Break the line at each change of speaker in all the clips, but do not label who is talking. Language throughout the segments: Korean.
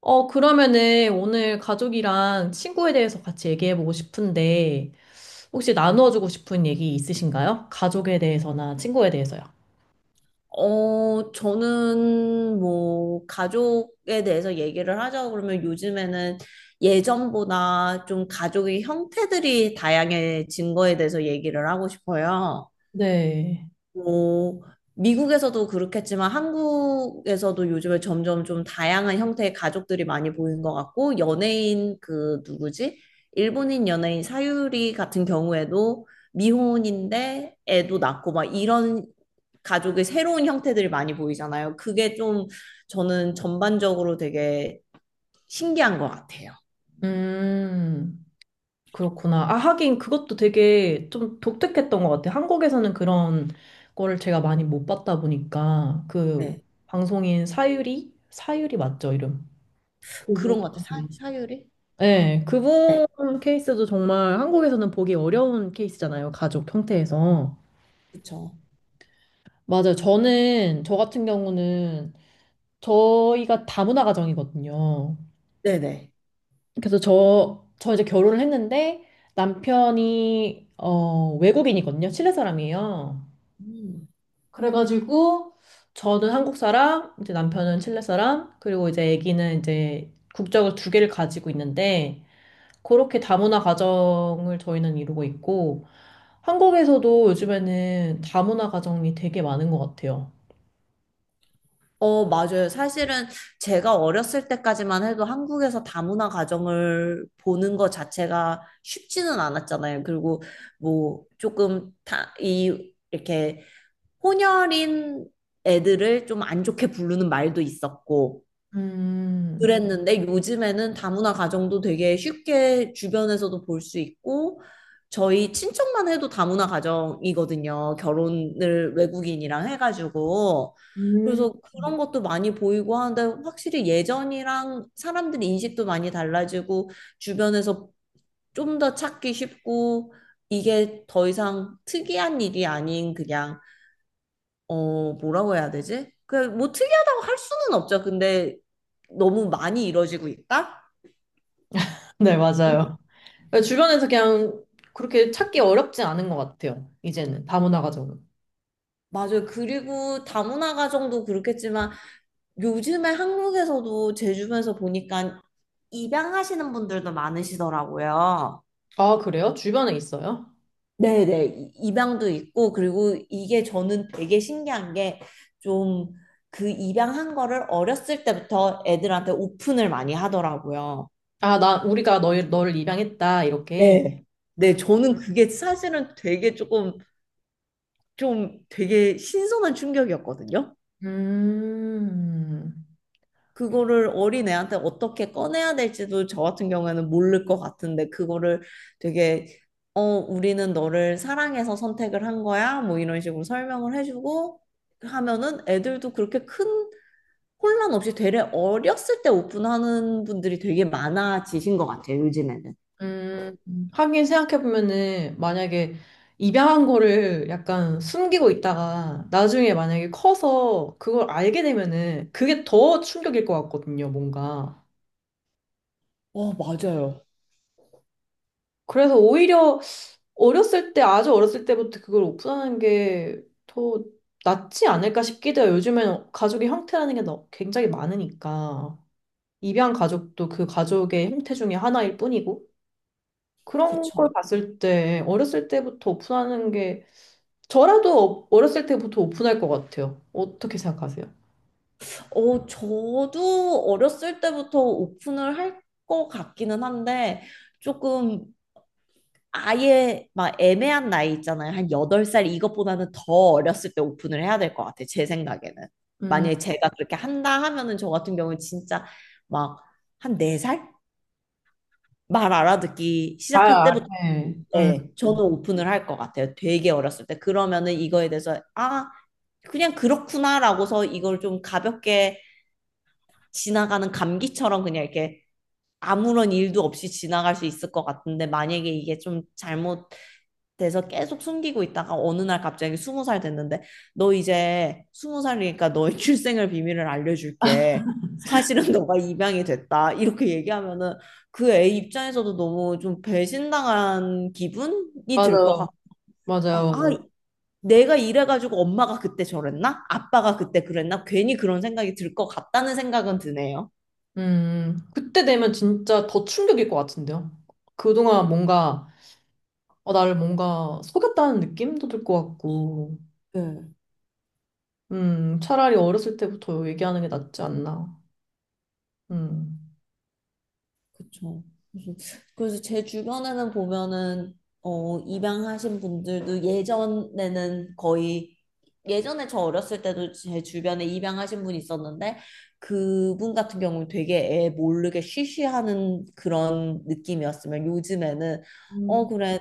그러면은 오늘 가족이랑 친구에 대해서 같이 얘기해보고 싶은데, 혹시 나누어주고 싶은 얘기 있으신가요? 가족에 대해서나 친구에 대해서요.
저는 뭐, 가족에 대해서 얘기를 하자고 그러면 요즘에는 예전보다 좀 가족의 형태들이 다양해진 거에 대해서 얘기를 하고 싶어요.
네.
뭐, 미국에서도 그렇겠지만 한국에서도 요즘에 점점 좀 다양한 형태의 가족들이 많이 보이는 것 같고, 연예인 그 누구지? 일본인 연예인 사유리 같은 경우에도 미혼인데 애도 낳고 막 이런 가족의 새로운 형태들이 많이 보이잖아요. 그게 좀 저는 전반적으로 되게 신기한 것 같아요.
음, 그렇구나. 아, 하긴 그것도 되게 좀 독특했던 것 같아요. 한국에서는 그런 거를 제가 많이 못 봤다 보니까, 그
네.
방송인 사유리? 사유리 맞죠, 이름? 그분.
그런 것 같아요. 사유리?
네,
네.
그분 케이스도 정말 한국에서는 보기 어려운 케이스잖아요. 가족 형태에서.
그쵸.
맞아요. 저 같은 경우는, 저희가 다문화 가정이거든요.
네네.
그래서 저 이제 결혼을 했는데, 남편이, 외국인이거든요. 칠레 사람이에요.
음.
그래가지고, 저는 한국 사람, 이제 남편은 칠레 사람, 그리고 이제 아기는 이제 국적을 두 개를 가지고 있는데, 그렇게 다문화 가정을 저희는 이루고 있고, 한국에서도 요즘에는 다문화 가정이 되게 많은 것 같아요.
맞아요. 사실은 제가 어렸을 때까지만 해도 한국에서 다문화 가정을 보는 것 자체가 쉽지는 않았잖아요. 그리고 뭐 조금 이렇게 혼혈인 애들을 좀 안 좋게 부르는 말도 있었고,
음.
그랬는데 요즘에는 다문화 가정도 되게 쉽게 주변에서도 볼 수 있고 저희 친척만 해도 다문화 가정이거든요. 결혼을 외국인이랑 해가지고.
음.
그래서 그런 것도 많이 보이고 하는데 확실히 예전이랑 사람들이 인식도 많이 달라지고 주변에서 좀 더 찾기 쉽고 이게 더 이상 특이한 일이 아닌 그냥 뭐라고 해야 되지? 그 뭐 특이하다고 할 수는 없죠. 근데 너무 많이 이루어지고 있다?
네,
음,
맞아요. 주변에서 그냥 그렇게 찾기 어렵지 않은 것 같아요. 이제는 다문화 가정은.
맞아요. 그리고 다문화 가정도 그렇겠지만 요즘에 한국에서도 제 주변에서 보니까 입양하시는 분들도 많으시더라고요.
아, 그래요? 주변에 있어요?
네네. 입양도 있고, 그리고 이게 저는 되게 신기한 게 좀 그 입양한 거를 어렸을 때부터 애들한테 오픈을 많이 하더라고요.
아, 나 우리가 너를 입양했다 이렇게.
네. 네,
음,
저는 그게 사실은 되게 조금 좀 되게 신선한 충격이었거든요.
음,
그거를 어린애한테 어떻게 꺼내야 될지도 저 같은 경우에는 모를 것 같은데, 그거를 되게, 우리는 너를 사랑해서 선택을 한 거야. 뭐 이런 식으로 설명을 해주고 하면은 애들도 그렇게 큰 혼란 없이 되레 어렸을 때 오픈하는 분들이 되게 많아지신 것 같아요, 요즘에는.
하긴 생각해 보면은 만약에 입양한 거를 약간 숨기고 있다가 나중에 만약에 커서 그걸 알게 되면은 그게 더 충격일 것 같거든요, 뭔가.
맞아요.
그래서 오히려 아주 어렸을 때부터 그걸 오픈하는 게 더 낫지 않을까 싶기도 해요. 요즘에는 가족의 형태라는 게 굉장히 많으니까. 입양 가족도 그 가족의 형태 중에 하나일 뿐이고. 그런
그쵸.
걸 봤을 때, 어렸을 때부터 오픈하는 게, 저라도 어렸을 때부터 오픈할 것 같아요. 어떻게 생각하세요?
저도 어렸을 때부터 오픈을 할 것 같기는 한데, 조금 아예 막 애매한 나이 있잖아요. 한 8살 이것보다는 더 어렸을 때 오픈을 해야 될 것 같아요. 제 생각에는.
음,
만약에 제가 그렇게 한다 하면은 저 같은 경우는 진짜 막 한 4살? 말 알아듣기 시작할
아,
때부터
네.
네, 저는 오픈을 할 것 같아요. 되게 어렸을 때. 그러면은 이거에 대해서 아, 그냥 그렇구나라고서 이걸 좀 가볍게 지나가는 감기처럼 그냥 이렇게 아무런 일도 없이 지나갈 수 있을 것 같은데 만약에 이게 좀 잘못 돼서 계속 숨기고 있다가 어느 날 갑자기 20살 됐는데 너 이제 20살이니까 너의 출생을 비밀을 알려줄게. 사실은 너가 입양이 됐다. 이렇게 얘기하면은 그 애 입장에서도 너무 좀 배신당한 기분이 들 것
맞아요.
같고 아,
맞아요,
아,
맞아요.
내가 이래가지고 엄마가 그때 저랬나? 아빠가 그때 그랬나? 괜히 그런 생각이 들 것 같다는 생각은 드네요.
그때 되면 진짜 더 충격일 것 같은데요. 그동안 뭔가, 어, 나를 뭔가 속였다는 느낌도 들 것 같고,
네.
차라리 어렸을 때부터 얘기하는 게 낫지 않나. 음,
그쵸. 그래서, 그래서 제 주변에는 보면은, 입양하신 분들도 예전에는 거의, 예전에 저 어렸을 때도 제 주변에 입양하신 분이 있었는데, 그분 같은 경우는 되게 애 모르게 쉬쉬하는 그런 느낌이었으면 요즘에는,
음,
그래,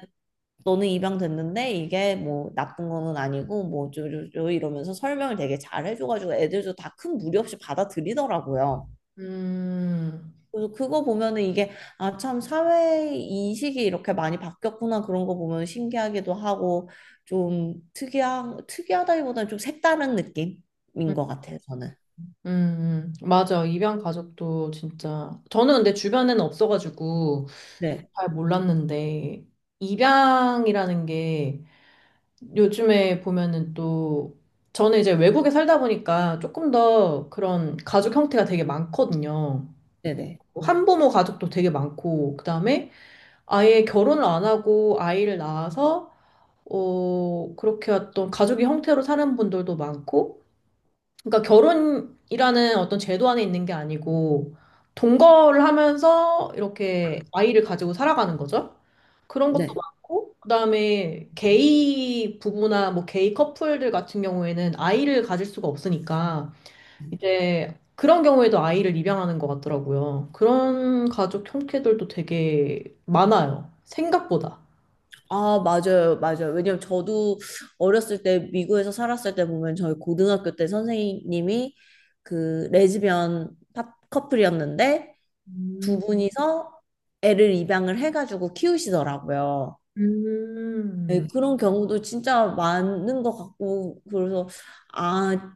너는 입양됐는데 이게 뭐 나쁜 거는 아니고 뭐 어쩌고저쩌고 이러면서 설명을 되게 잘 해줘가지고 애들도 다 큰 무리 없이 받아들이더라고요.
음,
그래서 그거 보면은 이게 아 참 사회 인식이 이렇게 많이 바뀌었구나 그런 거 보면 신기하기도 하고 좀 특이한 특이하다기보다는 좀 색다른 느낌인 것 같아요 저는.
맞아. 입양 가족도 진짜. 저는 근데 주변에는 없어가지고
네.
잘 몰랐는데, 입양이라는 게 요즘에 보면은 또 저는 이제 외국에 살다 보니까 조금 더 그런 가족 형태가 되게 많거든요.
네네.
한부모 가족도 되게 많고 그다음에 아예 결혼을 안 하고 아이를 낳아서 어 그렇게 어떤 가족의 형태로 사는 분들도 많고 그러니까 결혼이라는 어떤 제도 안에 있는 게 아니고 동거를 하면서 이렇게 아이를 가지고 살아가는 거죠. 그런 것도
네.
많고 그다음에 게이 부부나 뭐 게이 커플들 같은 경우에는 아이를 가질 수가 없으니까 이제 그런 경우에도 아이를 입양하는 것 같더라고요. 그런 가족 형태들도 되게 많아요. 생각보다.
아, 맞아요, 맞아요. 왜냐면 저도 어렸을 때 미국에서 살았을 때 보면 저희 고등학교 때 선생님이 그 레즈비언 파- 커플이었는데 두
음,
분이서 애를 입양을 해가지고 키우시더라고요.
음,
네, 그런 경우도 진짜 많은 것 같고, 그래서, 아,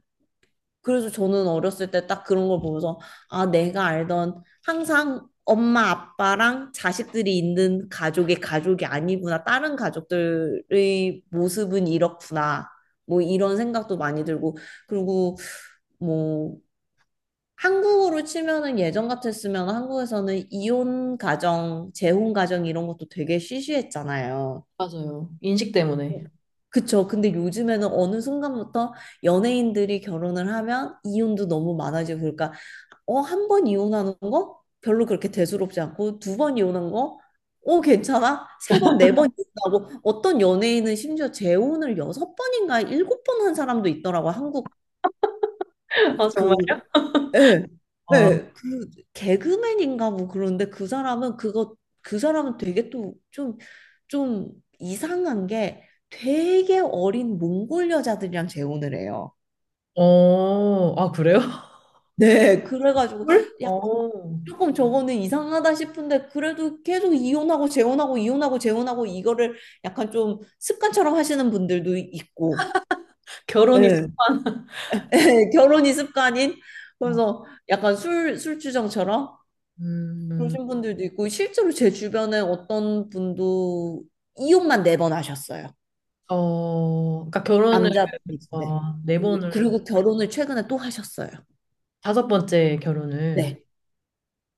그래서 저는 어렸을 때 딱 그런 걸 보면서, 아, 내가 알던 항상 엄마, 아빠랑 자식들이 있는 가족의 가족이 아니구나. 다른 가족들의 모습은 이렇구나. 뭐 이런 생각도 많이 들고, 그리고 뭐, 한국으로 치면은 예전 같았으면 한국에서는 이혼 가정, 재혼 가정 이런 것도 되게 시시했잖아요.
맞아요. 인식 때문에.
그쵸. 근데 요즘에는 어느 순간부터 연예인들이 결혼을 하면 이혼도 너무 많아지고 그러니까 1번 이혼하는 거 별로 그렇게 대수롭지 않고 2번 이혼한 거 괜찮아? 세 번, 4번 이혼하고 어떤 연예인은 심지어 재혼을 6번인가 7번 한 사람도 있더라고. 한국
아,
그
정말요?
예,
어,
예, 그 개그맨인가 뭐 그런데 그 사람은 그거 그 사람은 되게 또 좀 이상한 게 되게 어린 몽골 여자들이랑 재혼을 해요.
어, 아, 그래요?
네, 그래가지고
헐?
약간
어,
조금 저거는 이상하다 싶은데 그래도 계속 이혼하고 재혼하고 이혼하고 재혼하고 이거를 약간 좀 습관처럼 하시는 분들도 있고,
결혼이
예,
습관.
예, 결혼이 습관인 그래서 약간 술 술주정처럼
음,
그러신 분들도 있고 실제로 제 주변에 어떤 분도 이혼만 4번 하셨어요.
그러니까 결혼을,
남자분이신데.
와, 네
그리고
번을,
그리고 결혼을 최근에 또 하셨어요.
다섯 번째 결혼을.
네.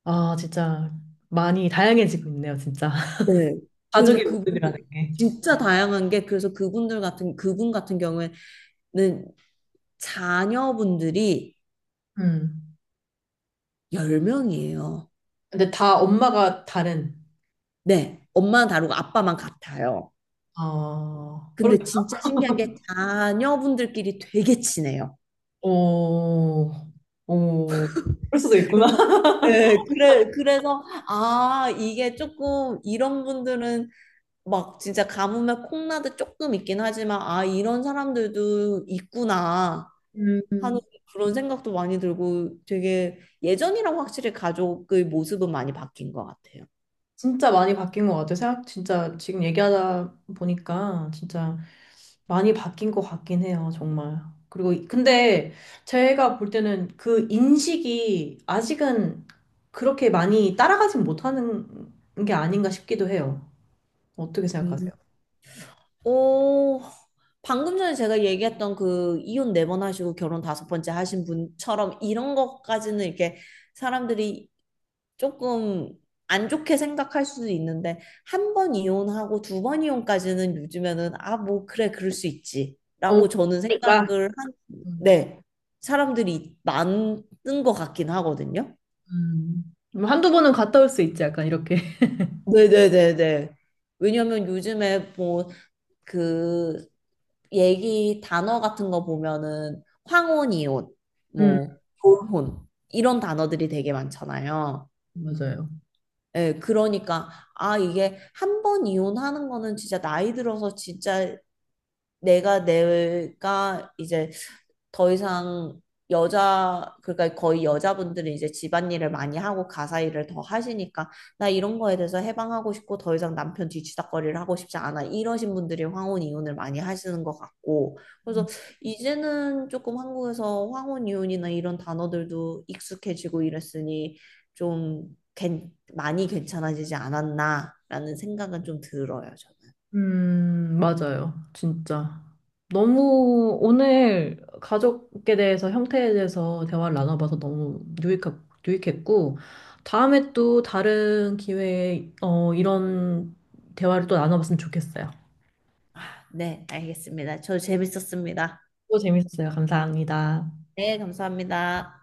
아, 진짜 많이 다양해지고 있네요, 진짜.
네. 그래서
가족의 모습이라는
그분들
게.
진짜 다양한 게 그래서 그분 같은 경우에는 자녀분들이
음.
10명이에요.
근데 다 엄마가 다른.
네. 엄마는 다르고 아빠만 같아요.
아, 그러
근데 진짜 신기한 게 자녀분들끼리 되게 친해요.
오, 오, 그럴 수도 있구나.
그래서 예, 그래, 그래서, 아, 이게 조금, 이런 분들은 막 진짜 가뭄에 콩나듯 조금 있긴 하지만, 아, 이런 사람들도 있구나 하는
음.
그런 생각도 많이 들고, 되게 예전이랑 확실히 가족의 모습은 많이 바뀐 것 같아요.
진짜 많이 바뀐 것 같아요. 생각, 진짜 지금 얘기하다 보니까 진짜 많이 바뀐 것 같긴 해요, 정말. 그리고, 근데 제가 볼 때는 그 인식이 아직은 그렇게 많이 따라가진 못하는 게 아닌가 싶기도 해요. 어떻게
음.
생각하세요?
오, 방금 전에 제가 얘기했던 그 이혼 4번 하시고 결혼 5번째 하신 분처럼 이런 것까지는 이렇게 사람들이 조금 안 좋게 생각할 수도 있는데 한 번 이혼하고 2번 이혼까지는 요즘에는 아, 뭐 그래 그럴 수 있지.
너무
라고 저는
그러니까.
생각을 한
음.
네. 사람들이 많은 것 같긴 하거든요.
음. 뭐 한두 번은 갔다 올 수 있지, 약간 이렇게.
네네네네. 왜냐면 요즘에 뭐 그 얘기 단어 같은 거 보면은 황혼 이혼,
음,
뭐 졸혼 이런 단어들이 되게 많잖아요.
맞아요.
예, 그러니까, 아, 이게 1번 이혼하는 거는 진짜 나이 들어서 진짜 내가 이제 더 이상 여자 그러니까 거의 여자분들이 이제 집안일을 많이 하고 가사 일을 더 하시니까 나 이런 거에 대해서 해방하고 싶고 더 이상 남편 뒤치다꺼리를 하고 싶지 않아 이러신 분들이 황혼 이혼을 많이 하시는 것 같고 그래서 이제는 조금 한국에서 황혼 이혼이나 이런 단어들도 익숙해지고 이랬으니 좀 많이 괜찮아지지 않았나라는 생각은 좀 들어요. 저는.
맞아요. 진짜. 너무 오늘 가족에 대해서 형태에 대해서 대화를 나눠봐서 유익했고, 다음에 또 다른 기회에 어, 이런 대화를 또 나눠봤으면 좋겠어요.
아, 네, 알겠습니다. 저도 재밌었습니다.
또 재밌었어요. 감사합니다.
네, 감사합니다.